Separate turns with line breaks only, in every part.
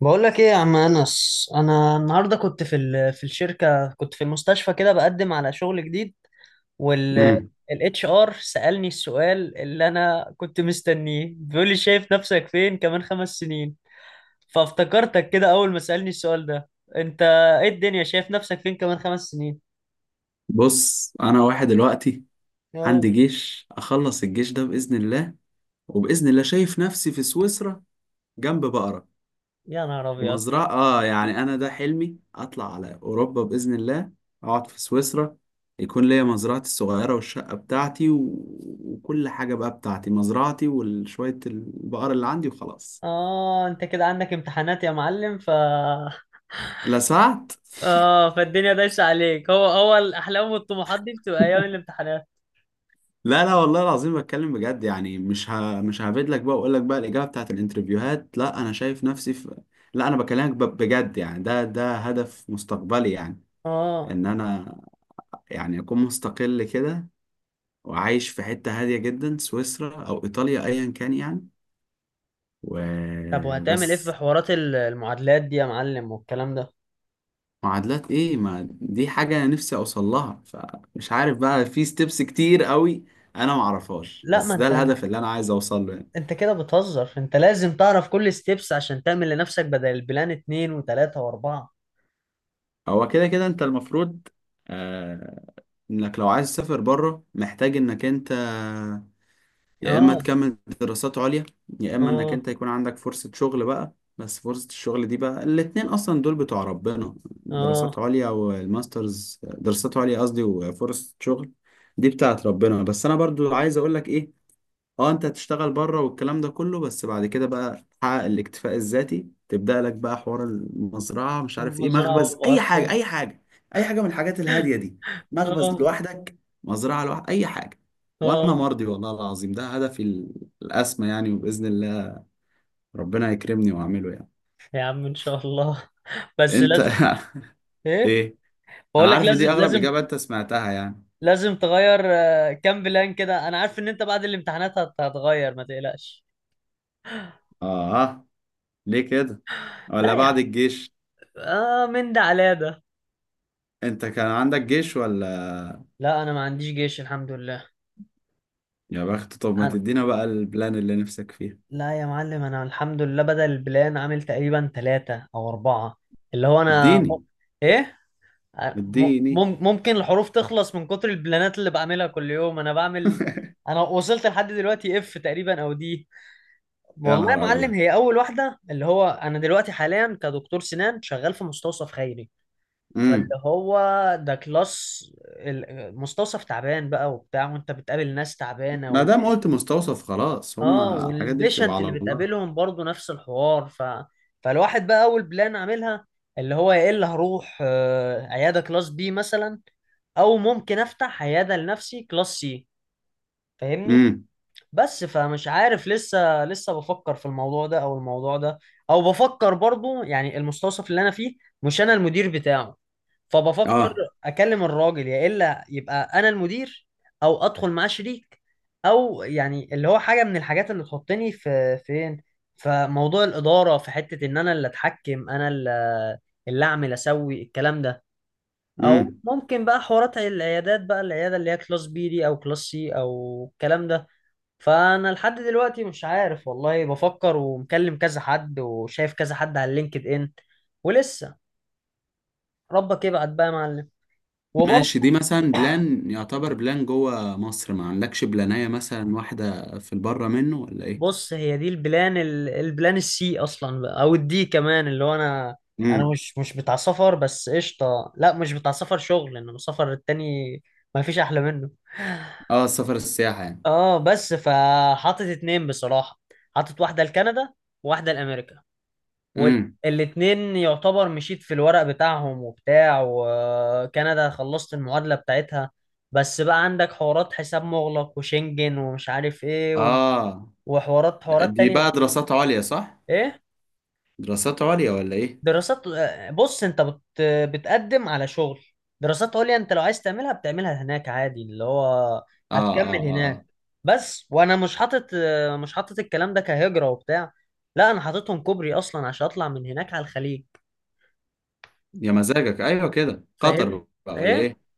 بقول لك ايه يا عم انس، انا النهارده كنت في في الشركه، كنت في المستشفى كده بقدم على شغل جديد. وال
امم
الاتش ار سالني السؤال اللي انا كنت مستنيه، بيقول لي شايف نفسك فين كمان 5 سنين؟ فافتكرتك كده اول ما سالني السؤال ده. انت ايه الدنيا، شايف نفسك فين كمان خمس سنين؟
بص، انا واحد دلوقتي
اه.
عندي جيش. اخلص الجيش ده باذن الله. وباذن الله شايف نفسي في سويسرا جنب بقرة
يا نهار ابيض.
ومزرعة. اه يعني انا ده حلمي، اطلع على اوروبا باذن الله، اقعد في سويسرا، يكون ليا مزرعتي الصغيرة والشقة بتاعتي وكل حاجة بقى بتاعتي، مزرعتي وشوية البقر اللي عندي وخلاص.
اه انت كده عندك امتحانات يا معلم ف
لا سعت.
اه، فالدنيا دايسه عليك. هو الاحلام والطموحات دي بتبقى ايام الامتحانات.
لا، لا، والله العظيم بتكلم بجد يعني. مش هفيد لك بقى واقول لك بقى الاجابه بتاعت الانترفيوهات. لا، انا شايف نفسي في. لا، انا بكلمك بجد يعني. ده هدف مستقبلي يعني.
اه.
ان انا يعني اكون مستقل كده، وعايش في حته هاديه جدا، سويسرا او ايطاليا، ايا كان يعني.
طب وهتعمل ايه في
وبس.
حوارات المعادلات دي يا معلم والكلام ده؟
معادلات ايه؟ ما دي حاجه انا نفسي اوصل لها، فمش عارف بقى، في ستيبس كتير قوي انا معرفهاش،
لا ما
بس ده
انت
الهدف اللي انا عايز اوصل له يعني.
انت كده بتهزر، انت لازم تعرف كل ستيبس عشان تعمل لنفسك بدل البلان اتنين وتلاتة واربعة.
هو كده كده انت المفروض. آه. انك لو عايز تسافر بره محتاج انك انت يا اما
اه.
تكمل دراسات عليا، يا اما انك
اه.
انت يكون عندك فرصة شغل بقى. بس فرصة الشغل دي بقى الاتنين اصلا دول بتوع ربنا.
اه
دراسات عليا والماسترز، دراسات عليا قصدي، وفرصة شغل، دي بتاعت ربنا. بس انا برضو عايز اقولك ايه، اه انت هتشتغل بره والكلام ده كله، بس بعد كده بقى تحقق الاكتفاء الذاتي، تبدأ لك بقى حوار المزرعة، مش عارف ايه،
المزرعة
مخبز، اي حاجة،
والبطيخ.
اي حاجة. اي حاجة من الحاجات الهادية دي. مخبز
اه.
لوحدك، مزرعة لوحدك، اي حاجة. وانا
اه.
مرضي والله العظيم، ده هدفي الاسمى يعني. وبإذن الله ربنا يكرمني واعمله يعني.
يا عم ان شاء الله بس
انت
لازم. ايه؟
ايه؟
بقول
انا
لك
عارف إن
لازم،
دي اغرب
لازم،
اجابة انت سمعتها يعني.
لازم تغير آه، كام بلان كده، انا عارف ان انت بعد الامتحانات هتغير، ما تقلقش.
اه، ليه كده؟ ولا
لا يا عم.
بعد الجيش؟
اه، من ده على ده.
انت كان عندك جيش ولا؟
لا انا ما عنديش جيش الحمد لله.
يا بخت. طب ما
أنا-
تدينا بقى البلان اللي نفسك فيها.
لا يا معلم، انا الحمد لله بدل البلان عامل تقريبا 3 او 4. اللي هو انا م...
اديني.
ايه؟
اديني.
ممكن الحروف تخلص من كتر البلانات اللي بعملها كل يوم، انا بعمل. انا وصلت لحد دلوقتي اف تقريبا او دي.
يا
والله يا
نهار
معلم
ابيض.
هي اول واحدة، اللي هو انا دلوقتي حاليا كدكتور سنان شغال في مستوصف خيري. فاللي
امم.
هو، ده كلاس مستوصف تعبان بقى وبتاع، وانت بتقابل ناس تعبانة
ما دام قلت مستوصف، خلاص،
اه،
هما الحاجات دي بتبقى
والبيشنت
على
اللي
الله.
بتقابلهم برضو نفس الحوار فالواحد بقى اول بلان عاملها اللي هو، يا الا هروح آه، عياده كلاس بي مثلا، او ممكن افتح عياده لنفسي كلاس سي، فاهمني؟
امم.
بس فمش عارف، لسه لسه بفكر في الموضوع ده او الموضوع ده. او بفكر برضو يعني، المستوصف اللي انا فيه مش انا المدير بتاعه، فبفكر
اه.
اكلم الراجل، يا الا يبقى انا المدير، او ادخل معاه شريك، او يعني اللي هو حاجه من الحاجات اللي تحطني في فين في موضوع الاداره، في حته ان انا اللي اتحكم انا اللي اعمل اسوي الكلام ده. او
امم.
ممكن بقى حوارات العيادات بقى، العياده اللي هي كلاس بي دي او كلاس سي او الكلام ده. فانا لحد دلوقتي مش عارف والله، بفكر ومكلم كذا حد وشايف كذا حد على اللينكد ان. ولسه، ربك يبعد بقى يا معلم.
ماشي، دي مثلا بلان يعتبر بلان جوه مصر، ما عندكش بلانية مثلا واحدة في البره منه ولا ايه؟
بص، هي دي البلان البلان السي اصلا بقى، او الدي كمان، اللي هو انا، انا
امم.
مش بتاع سفر. بس قشطه، لا مش بتاع سفر شغل، انما سفر التاني ما فيش احلى منه.
اه، السفر، السياحة يعني.
اه. بس فحاطط اتنين بصراحه، حاطط واحده لكندا وواحده لامريكا،
امم.
والاتنين يعتبر مشيت في الورق بتاعهم وبتاع، وكندا خلصت المعادله بتاعتها. بس بقى عندك حوارات حساب مغلق وشنجن ومش عارف ايه
اه،
وحوارات، حوارات
دي
تانية
بقى
كتير.
دراسات عليا، صح؟
ايه؟
دراسات عليا ولا ايه؟
دراسات آه، بص انت بتقدم على شغل، دراسات عليا انت لو عايز تعملها بتعملها هناك عادي، اللي هو
اه، اه،
هتكمل
اه، آه.
هناك. بس وانا مش حاطط آه، مش حاطط الكلام ده كهجرة وبتاع، لا انا حاططهم كوبري اصلا عشان اطلع من هناك على الخليج.
يا مزاجك، ايوه كده، قطر
فاهم؟
بقى ولا
ايه؟
ايه؟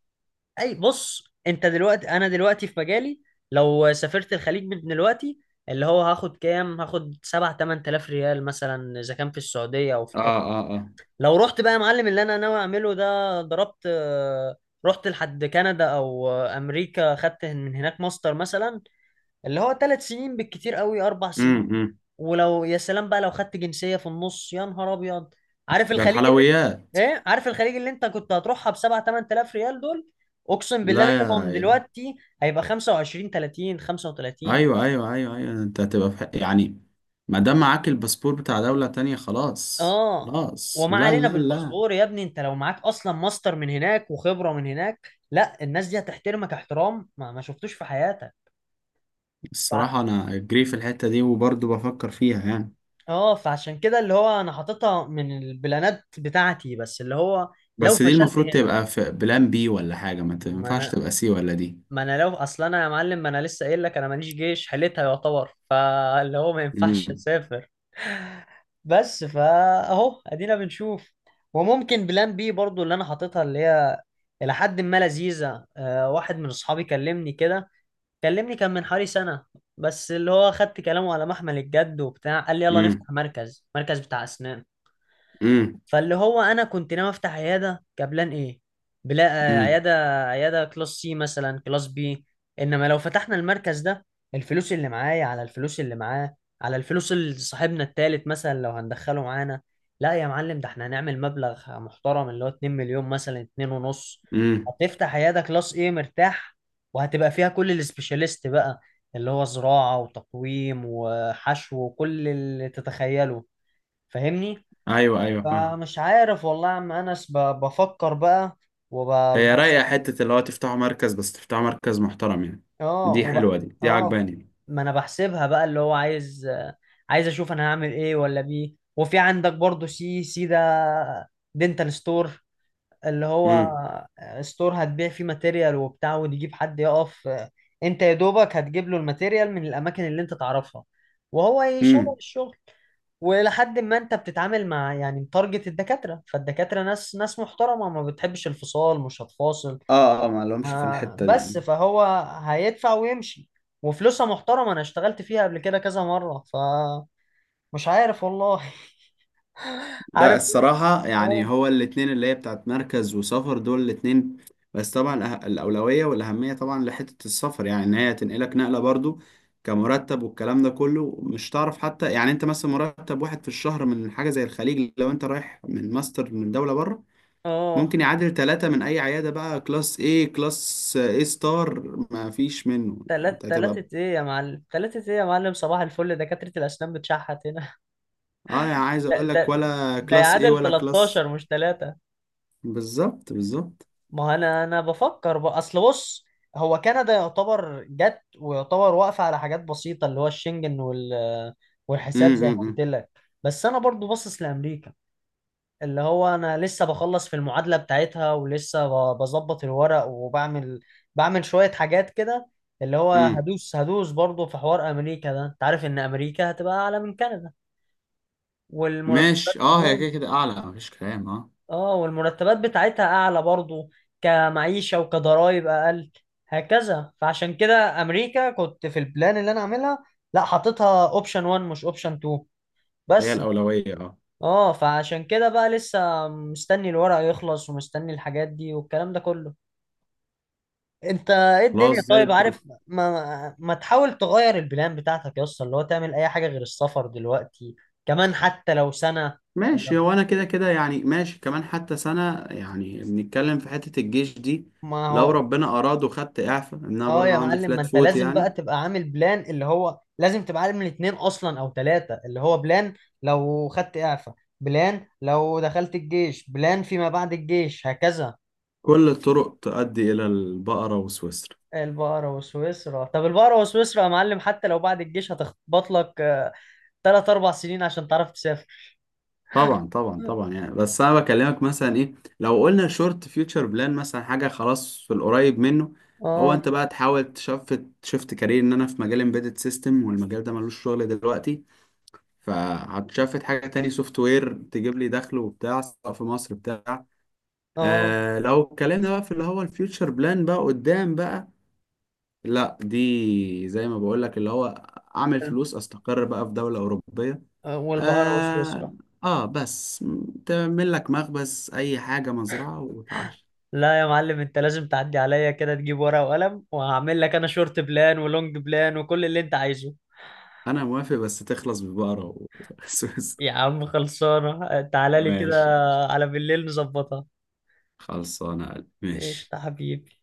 اي بص، انت دلوقتي، انا دلوقتي في مجالي، لو سافرت الخليج من دلوقتي اللي هو هاخد كام، هاخد 7 8000 ريال مثلا اذا كان في السعودية او في.
اه، اه، اه.
لو رحت بقى يا معلم اللي انا ناوي اعمله ده، ضربت آه، رحت لحد كندا او آه، امريكا، خدت من هناك ماستر مثلا، اللي هو 3 سنين بالكتير قوي اربع
امم،
سنين ولو يا سلام بقى لو خدت جنسية في النص، يا نهار ابيض. عارف
ده
الخليج اللي،
الحلويات.
ايه، عارف الخليج اللي انت كنت هتروحها ب 7 8000 ريال دول؟ اقسم بالله
لا
منهم
يا.
دلوقتي هيبقى 25 30 35.
ايوه، ايوه، ايوه، ايوه، انت هتبقى في حق يعني. ما دام معاك الباسبور بتاع دولة تانية، خلاص،
اه.
خلاص،
وما
لا،
علينا
لا، لا.
بالباسبور يا ابني، انت لو معاك اصلا ماستر من هناك وخبره من هناك، لا الناس دي هتحترمك احترام ما شفتوش في حياتك. فع-
الصراحة انا جري في الحتة دي وبرضه بفكر فيها يعني.
اه، فعشان كده اللي هو انا حاططها من البلانات بتاعتي، بس اللي هو لو
بس دي
فشلت
المفروض
هنا.
تبقى في بلان بي ولا حاجة، ما
ما
تنفعش
انا
تبقى سي ولا دي.
ما انا لو اصلا، انا يا معلم ما انا لسه قايل لك انا ماليش جيش، حليتها يعتبر، فاللي هو ما ينفعش
امم،
اسافر. بس فاهو ادينا بنشوف. وممكن بلان بي برضو اللي انا حاططها، اللي هي الى حد ما لذيذه آه. واحد من اصحابي كلمني كده، كلمني كان من حوالي سنه، بس اللي هو خدت كلامه على محمل الجد وبتاع، قال لي يلا
امم،
نفتح مركز، مركز بتاع اسنان.
امم،
فاللي هو انا كنت ناوي افتح عياده كبلان ايه، بلا آه،
امم،
عياده، عياده كلاس سي مثلا كلاس بي. انما لو فتحنا المركز ده، الفلوس اللي معايا على الفلوس اللي معاه على الفلوس اللي صاحبنا التالت مثلا لو هندخله معانا، لا يا معلم ده احنا هنعمل مبلغ محترم اللي هو 2 مليون مثلا 2 ونص،
امم.
هتفتح عياده كلاس ايه مرتاح، وهتبقى فيها كل السبيشاليست بقى، اللي هو زراعه وتقويم وحشو وكل اللي تتخيله. فاهمني؟
ايوه، ايوه، فاهم.
فمش عارف والله يا عم انس، بفكر بقى
هي رايقة
وبحسب.
حتة اللي هو تفتحوا مركز، بس تفتحوا مركز محترم يعني.
اه
دي حلوة، دي
اه،
عجباني.
ما انا بحسبها بقى، اللي هو عايز، عايز اشوف انا هعمل ايه ولا بيه. وفي عندك برضو سي سي ده، دينتال ستور، اللي هو
امم،
ستور هتبيع فيه ماتيريال وبتاع، وتجيب حد يقف آه، انت يا دوبك هتجيب له الماتيريال من الاماكن اللي انت تعرفها وهو يشغل
امم.
الشغل. ولحد ما انت بتتعامل مع يعني متارجت الدكاترة، فالدكاترة ناس محترمة، ما بتحبش الفصال، مش هتفاصل.
اه، اه، ما لهمش في
ما
الحتة دي.
بس فهو هيدفع ويمشي، وفلوسها محترمة، انا اشتغلت فيها قبل كده كذا مرة، فمش عارف والله
لا،
عارف.
الصراحة يعني
اه.
هو الاتنين اللي هي بتاعت مركز وسفر، دول الاتنين. بس طبعا الأولوية والأهمية طبعا لحتة السفر يعني، إن هي تنقلك نقلة برضو، كمرتب والكلام ده كله، مش تعرف حتى يعني، أنت مثلا مرتب واحد في الشهر من حاجة زي الخليج لو أنت رايح من ماستر من دولة بره،
اه.
ممكن يعادل ثلاثة من أي عيادة بقى، كلاس A، كلاس A ستار، ما فيش منه، أنت هتبقى.
تلاتة ايه يا معلم، تلاتة ايه يا معلم، صباح الفل، دكاترة الأسنان بتشحت هنا.
اه يعني عايز
ده
أقول لك،
ده
ولا
ده
كلاس A
يعادل
ولا كلاس.
13 مش تلاتة.
بالظبط، بالظبط.
ما هو أنا بفكر بقى، أصل بص، هو كندا يعتبر جت ويعتبر واقفة على حاجات بسيطة، اللي هو الشنجن والحساب زي ما قلت
امم،
لك. بس أنا برضو باصص لأمريكا، اللي هو انا لسه بخلص في المعادله بتاعتها، ولسه بظبط الورق وبعمل، بعمل شويه حاجات كده، اللي هو
امم.
هدوس هدوس برضه في حوار امريكا ده. انت عارف ان امريكا هتبقى اعلى من كندا، والمرتبات
ماشي. اه، هي
اه.
كده كده اعلى، مفيش كلام. اه،
آه، والمرتبات بتاعتها اعلى برضه، كمعيشه وكضرايب اقل هكذا. فعشان كده امريكا كنت في البلان اللي انا عاملها، لا حاططها اوبشن 1 مش اوبشن 2.
هي
بس.
الاولويه، اه.
اه. فعشان كده بقى لسه مستني الورق يخلص ومستني الحاجات دي والكلام ده كله. انت ايه الدنيا
خلاص زي
طيب؟
الفل.
عارف، ما تحاول تغير البلان بتاعتك يا اسطى، اللي هو تعمل اي حاجة غير السفر دلوقتي، كمان حتى لو سنة.
ماشي. هو انا كده كده يعني ماشي، كمان حتى سنه يعني بنتكلم في حته الجيش دي.
ما
لو
هو
ربنا اراد وخدت اعفاء ان انا
اه
برضو
يا
عندي
معلم، ما
فلات
انت
فوت
لازم بقى
يعني.
تبقى عامل بلان، اللي هو لازم تبقى عامل اتنين اصلا او ثلاثة، اللي هو بلان لو خدت اعفاء، بلان لو دخلت الجيش، بلان فيما بعد الجيش هكذا.
كل الطرق تؤدي الى البقره وسويسرا.
البقرة وسويسرا، طب البقرة وسويسرا يا معلم حتى لو بعد الجيش هتخبط لك آه، 3 4 سنين عشان تعرف تسافر.
طبعا، طبعا، طبعا يعني. بس انا بكلمك مثلا ايه، لو قلنا شورت فيوتشر بلان مثلا، حاجه خلاص في القريب منه، هو
اه.
انت بقى تحاول شفت كارير، ان انا في مجال امبيدد سيستم والمجال ده ملوش شغل دلوقتي، فهتشفت حاجه تاني، سوفت وير، تجيب لي دخل وبتاع سواء في مصر بتاع.
اه.
لو اتكلمنا بقى في اللي هو الفيوتشر بلان بقى قدام بقى، لا دي زي ما بقول لك، اللي هو اعمل
ال-
فلوس، استقر بقى في دوله اوروبيه.
آه، والبقرة
آه.
وسويسرا.
بس تعمل لك مخبز، أي حاجة، مزرعة، وتعش.
لا يا معلم انت لازم تعدي عليا كده تجيب ورقة وقلم، وهعمل لك انا شورت بلان ولونج بلان وكل اللي انت عايزه.
أنا موافق بس تخلص ببقرة بس بس.
يا عم خلصانة، تعالى لي كده
ماشي.
على بالليل نظبطها.
خلصانة يا قلبي. ماشي.
قشطة حبيبي.